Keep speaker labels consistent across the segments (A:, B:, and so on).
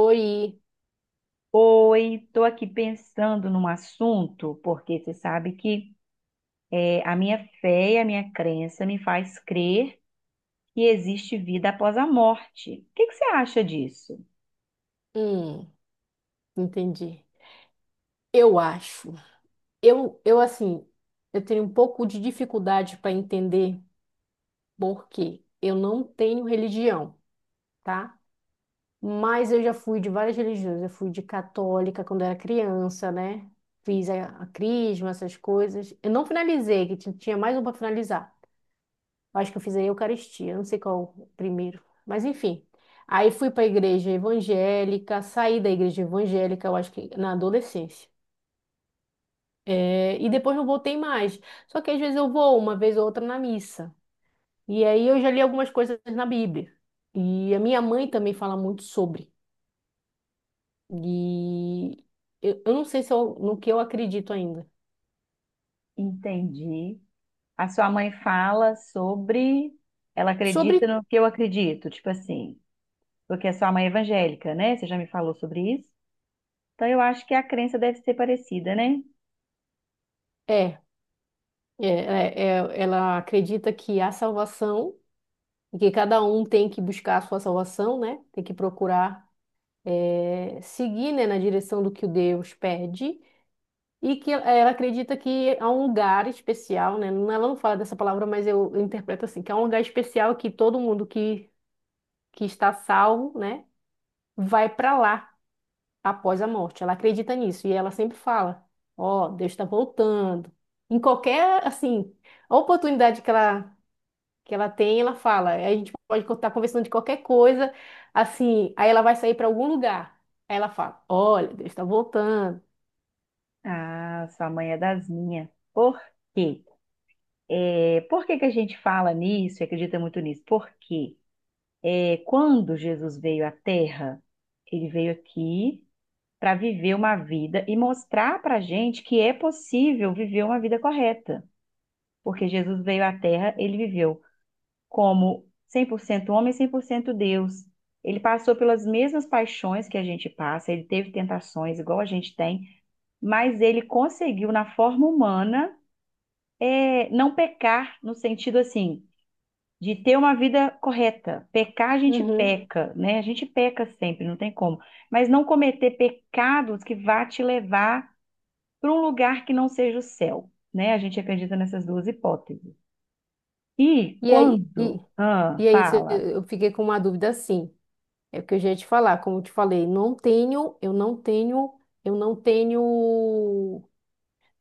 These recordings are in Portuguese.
A: Oi,
B: Oi, estou aqui pensando num assunto, porque você sabe que a minha fé e a minha crença me faz crer que existe vida após a morte. O que que você acha disso?
A: hum, entendi. Eu acho. Eu assim, eu tenho um pouco de dificuldade para entender porque eu não tenho religião, tá? Mas eu já fui de várias religiões. Eu fui de católica quando era criança, né? Fiz a crisma, essas coisas. Eu não finalizei, que tinha mais um para finalizar. Eu acho que eu fiz a Eucaristia, eu não sei qual o primeiro, mas enfim. Aí fui para a igreja evangélica, saí da igreja evangélica, eu acho que na adolescência. É, e depois não voltei mais. Só que às vezes eu vou uma vez ou outra na missa. E aí eu já li algumas coisas na Bíblia. E a minha mãe também fala muito sobre. E eu não sei se eu- no que eu acredito ainda.
B: Entendi. A sua mãe fala sobre ela
A: Sobre.
B: acredita no que eu acredito, tipo assim, porque a sua mãe é evangélica, né? Você já me falou sobre isso? Então eu acho que a crença deve ser parecida, né?
A: É, é, ela acredita que há salvação, e que cada um tem que buscar a sua salvação, né? Tem que procurar, é, seguir, né, na direção do que o Deus pede. E que ela acredita que há um lugar especial, né? É, ela não fala dessa palavra, mas eu interpreto assim, que há um lugar especial que todo mundo que está salvo, né, vai para lá após a morte. Ela acredita nisso e ela sempre fala: "Ó, Deus está voltando". Em qualquer, assim, oportunidade que ela tem, ela fala: "A gente pode estar conversando de qualquer coisa, assim, aí ela vai sair para algum lugar". Aí ela fala: "Olha, Deus está voltando".
B: Ah, sua mãe é das minhas. Por quê? É, por que que a gente fala nisso e acredita muito nisso? Porque quando Jesus veio à Terra, ele veio aqui para viver uma vida e mostrar para a gente que é possível viver uma vida correta. Porque Jesus veio à Terra, ele viveu como 100% homem, e 100% Deus. Ele passou pelas mesmas paixões que a gente passa, ele teve tentações igual a gente tem, mas ele conseguiu, na forma humana, não pecar no sentido assim de ter uma vida correta. Pecar, a gente
A: Uhum.
B: peca, né? A gente peca sempre, não tem como. Mas não cometer pecados que vá te levar para um lugar que não seja o céu, né? A gente acredita nessas duas hipóteses. E
A: E aí,
B: quando,
A: e-
B: ah,
A: E aí,
B: fala.
A: eu fiquei com uma dúvida assim. É porque eu já ia te falar, como eu te falei, eu não tenho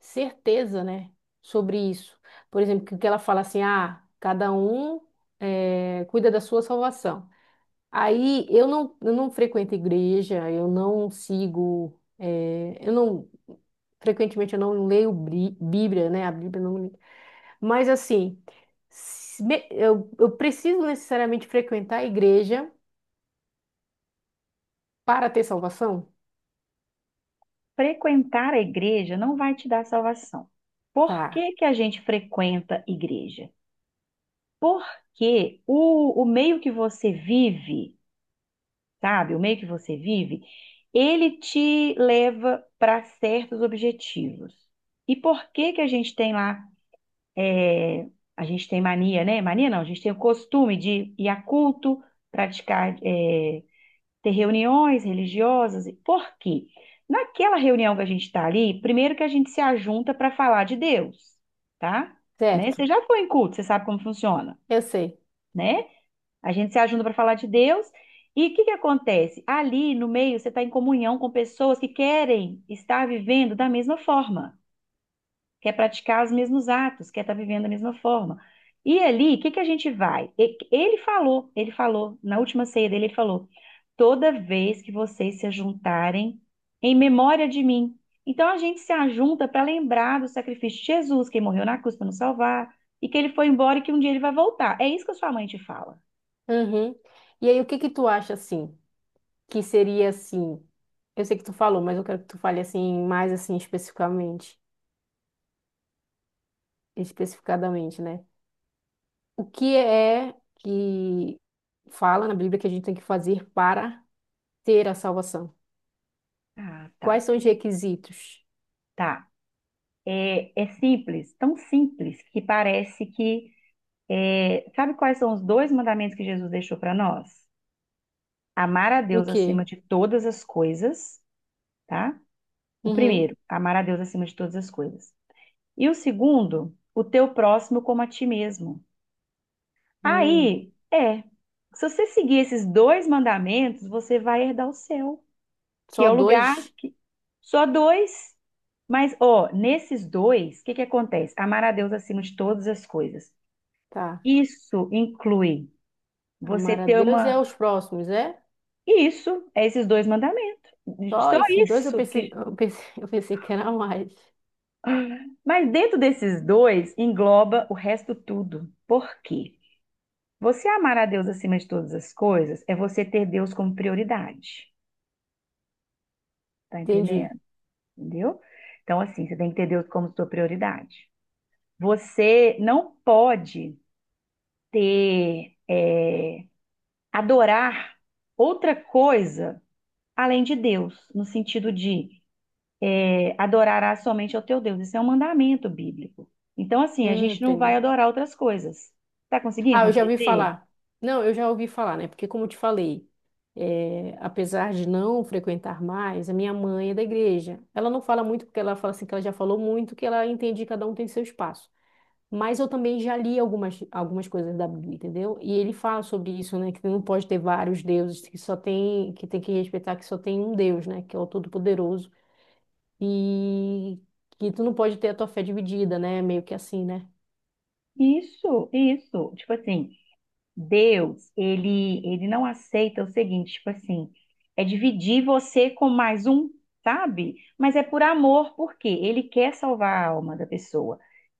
A: certeza, né, sobre isso. Por exemplo, que ela fala assim, ah, cada um cuida da sua salvação. Aí eu não frequento igreja, eu não sigo, eh, eu não, frequentemente eu não leio Bíblia, né? A Bíblia não, mas assim, se me- eu preciso necessariamente frequentar a igreja para ter salvação?
B: Frequentar a igreja não vai te dar salvação. Por
A: Tá,
B: que que a gente frequenta igreja? Porque o meio que você vive, sabe? O meio que você vive, ele te leva para certos objetivos. E por que que a gente tem lá, é, a gente tem mania, né? Mania não, a gente tem o costume de ir a culto, praticar, ter reuniões religiosas. Por quê? Naquela reunião que a gente está ali, primeiro que a gente se ajunta para falar de Deus, tá? Né? Você
A: certo?
B: já foi em culto, você sabe como funciona,
A: Eu sei.
B: né? A gente se ajuda para falar de Deus. E o que que acontece? Ali no meio, você está em comunhão com pessoas que querem estar vivendo da mesma forma, quer praticar os mesmos atos, quer estar vivendo da mesma forma. E ali, o que que a gente vai? Ele falou, na última ceia dele, ele falou: toda vez que vocês se juntarem em memória de mim. Então a gente se ajunta para lembrar do sacrifício de Jesus, que morreu na cruz para nos salvar, e que ele foi embora e que um dia ele vai voltar. É isso que a sua mãe te fala.
A: Uhum. E aí, o que que tu acha assim? Que seria assim? Eu sei que tu falou, mas eu quero que tu fale assim mais assim especificamente, especificadamente, né? O que é que fala na Bíblia que a gente tem que fazer para ter a salvação?
B: Ah,
A: Quais
B: tá.
A: são os requisitos?
B: Tá. É, é simples, tão simples que parece que. É, sabe quais são os dois mandamentos que Jesus deixou para nós? Amar a
A: E o
B: Deus
A: quê?
B: acima de todas as coisas, tá? O
A: Uhum.
B: primeiro, amar a Deus acima de todas as coisas. E o segundo, o teu próximo como a ti mesmo.
A: Hum.
B: Aí, é. Se você seguir esses dois mandamentos, você vai herdar o céu. Que
A: Só
B: é o lugar
A: dois?
B: que. Só dois, mas ó, nesses dois, o que que acontece? Amar a Deus acima de todas as coisas.
A: Tá.
B: Isso inclui você
A: Amar a
B: ter
A: Deus e
B: uma.
A: aos próximos, é?
B: Isso, é esses dois mandamentos.
A: Só
B: Só
A: esses dois
B: isso que.
A: eu pensei, eu pensei que era mais.
B: Mas dentro desses dois engloba o resto tudo. Por quê? Você amar a Deus acima de todas as coisas é você ter Deus como prioridade. Tá
A: Entendi.
B: entendendo? Entendeu? Então, assim, você tem que ter Deus como sua prioridade. Você não pode ter, adorar outra coisa além de Deus, no sentido de adorarás somente ao teu Deus. Isso é um mandamento bíblico. Então, assim, a gente não vai
A: Entendi.
B: adorar outras coisas. Tá conseguindo
A: Ah, eu já ouvi
B: compreender?
A: falar. Não, eu já ouvi falar, né? Porque como eu te falei, é, apesar de não frequentar mais, a minha mãe é da igreja. Ela não fala muito porque ela fala assim que ela já falou muito, que ela entende que cada um tem seu espaço. Mas eu também já li algumas coisas da Bíblia, entendeu? E ele fala sobre isso, né? Que não pode ter vários deuses, que só tem que respeitar que só tem um Deus, né? Que é o Todo-Poderoso e que tu não pode ter a tua fé dividida, né? Meio que assim, né?
B: Isso, isso. Tipo assim, Deus, ele não aceita o seguinte, tipo assim, é dividir você com mais um, sabe? Mas é por amor, porque ele quer salvar a alma da pessoa.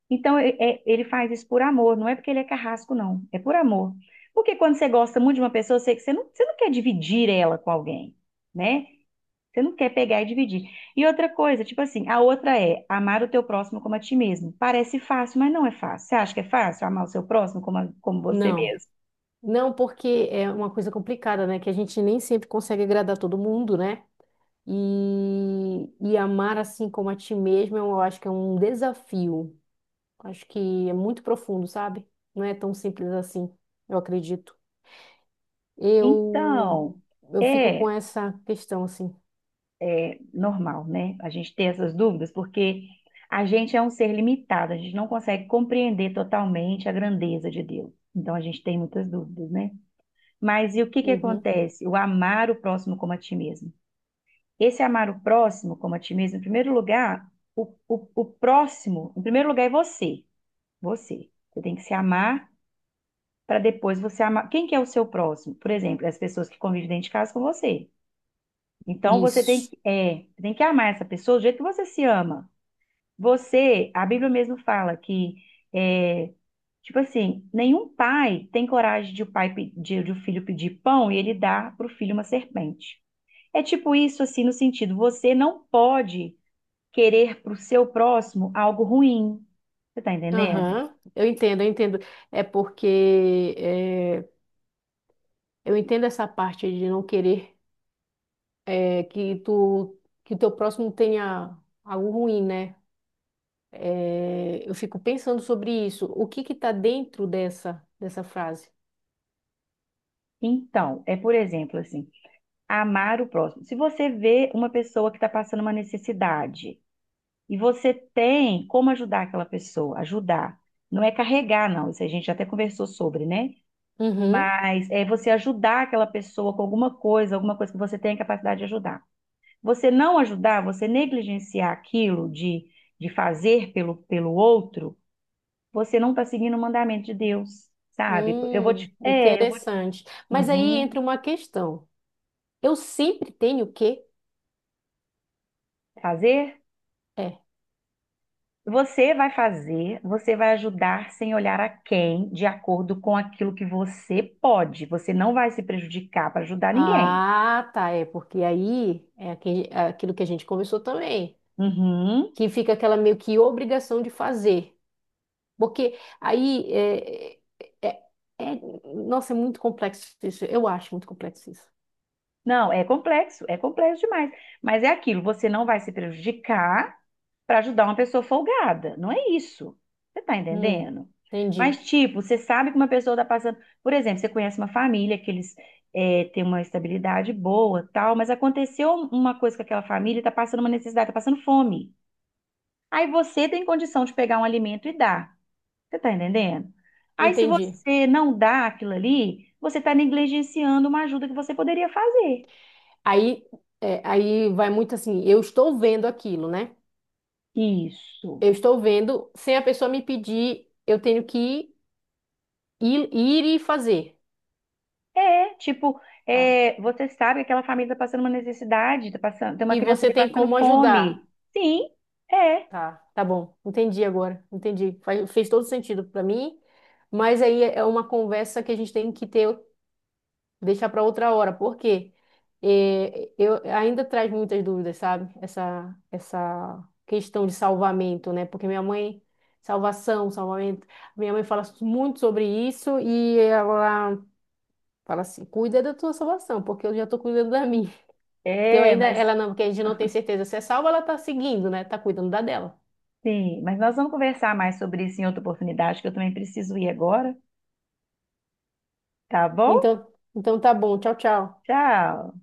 B: Então, ele faz isso por amor, não é porque ele é carrasco, não. É por amor. Porque quando você gosta muito de uma pessoa, você, você não quer dividir ela com alguém, né? Você não quer pegar e dividir. E outra coisa, tipo assim, a outra é amar o teu próximo como a ti mesmo. Parece fácil, mas não é fácil. Você acha que é fácil amar o seu próximo como, como você
A: Não.
B: mesmo?
A: Não, porque é uma coisa complicada, né? Que a gente nem sempre consegue agradar todo mundo, né? E amar assim como a ti mesmo, eu acho que é um desafio. Acho que é muito profundo, sabe? Não é tão simples assim, eu acredito. Eu,
B: Então,
A: eu fico com
B: é.
A: essa questão, assim.
B: É normal, né? A gente ter essas dúvidas, porque a gente é um ser limitado, a gente não consegue compreender totalmente a grandeza de Deus. Então a gente tem muitas dúvidas, né? Mas e o que que
A: Uhum.
B: acontece? O amar o próximo como a ti mesmo. Esse amar o próximo como a ti mesmo, em primeiro lugar, o próximo, em primeiro lugar é você. Você. Você tem que se amar para depois você amar. Quem que é o seu próximo? Por exemplo, as pessoas que convivem dentro de casa com você. Então você tem
A: Isso.
B: que, tem que amar essa pessoa do jeito que você se ama. Você, a Bíblia mesmo fala que, é, tipo assim, nenhum pai tem coragem de o pai pe- de o filho pedir pão e ele dá para o filho uma serpente. É tipo isso, assim, no sentido, você não pode querer para o seu próximo algo ruim. Você tá entendendo?
A: Aham. Eu entendo. É porque... eh, eu entendo essa parte de não querer é, que teu próximo tenha algo ruim, né? É, eu fico pensando sobre isso. O que que tá dentro dessa frase?
B: Então, é por exemplo, assim, amar o próximo. Se você vê uma pessoa que está passando uma necessidade e você tem como ajudar aquela pessoa, ajudar. Não é carregar, não. Isso a gente até conversou sobre, né?
A: Uhum.
B: Mas é você ajudar aquela pessoa com alguma coisa que você tem a capacidade de ajudar. Você não ajudar, você negligenciar aquilo de fazer pelo, pelo outro, você não está seguindo o mandamento de Deus, sabe? Eu vou te. É, eu vou.
A: Interessante. Mas aí
B: Uhum.
A: entra uma questão. Eu sempre tenho o quê?
B: Fazer?
A: É.
B: Você vai fazer, você vai ajudar sem olhar a quem, de acordo com aquilo que você pode. Você não vai se prejudicar para ajudar ninguém.
A: Ah, tá. É porque aí é é aquilo que a gente conversou também,
B: Uhum.
A: que fica aquela meio que obrigação de fazer. Porque aí é, é- é- é, nossa, é muito complexo isso. Eu acho muito complexo isso.
B: Não, é complexo demais. Mas é aquilo, você não vai se prejudicar para ajudar uma pessoa folgada. Não é isso. Você tá
A: Hum,
B: entendendo?
A: entendi,
B: Mas, tipo, você sabe que uma pessoa tá passando. Por exemplo, você conhece uma família que eles têm uma estabilidade boa, tal, mas aconteceu uma coisa com aquela família, tá passando uma necessidade, tá passando fome. Aí você tem condição de pegar um alimento e dar. Você tá entendendo? Aí, se
A: entendi.
B: você não dá aquilo ali, você tá negligenciando uma ajuda que você poderia fazer.
A: Aí, é, aí vai muito assim, eu estou vendo aquilo, né?
B: Isso.
A: Eu estou vendo, sem a pessoa me pedir, eu tenho que ir e fazer,
B: É, tipo,
A: tá?
B: você sabe que aquela família está passando uma necessidade, tá passando, tem uma
A: E
B: criança
A: você
B: ali
A: tem
B: passando
A: como ajudar,
B: fome. Sim, é,
A: tá? Tá bom, entendi agora, entendi. Fez todo sentido para mim, mas aí é uma conversa que a gente tem que ter deixar para outra hora, porque eh, eu ainda traz muitas dúvidas, sabe? Essa questão de salvamento, né? Porque minha mãe salvação, salvamento, minha mãe fala muito sobre isso e ela fala assim, cuida da tua salvação, porque eu já tô cuidando da minha, porque eu
B: é,
A: ainda
B: mas
A: ela não, porque a gente não tem certeza se é salva, ela tá seguindo, né? Tá cuidando da dela.
B: sim, mas nós vamos conversar mais sobre isso em outra oportunidade, que eu também preciso ir agora, tá bom?
A: Então tá bom, tchau, tchau.
B: Tchau.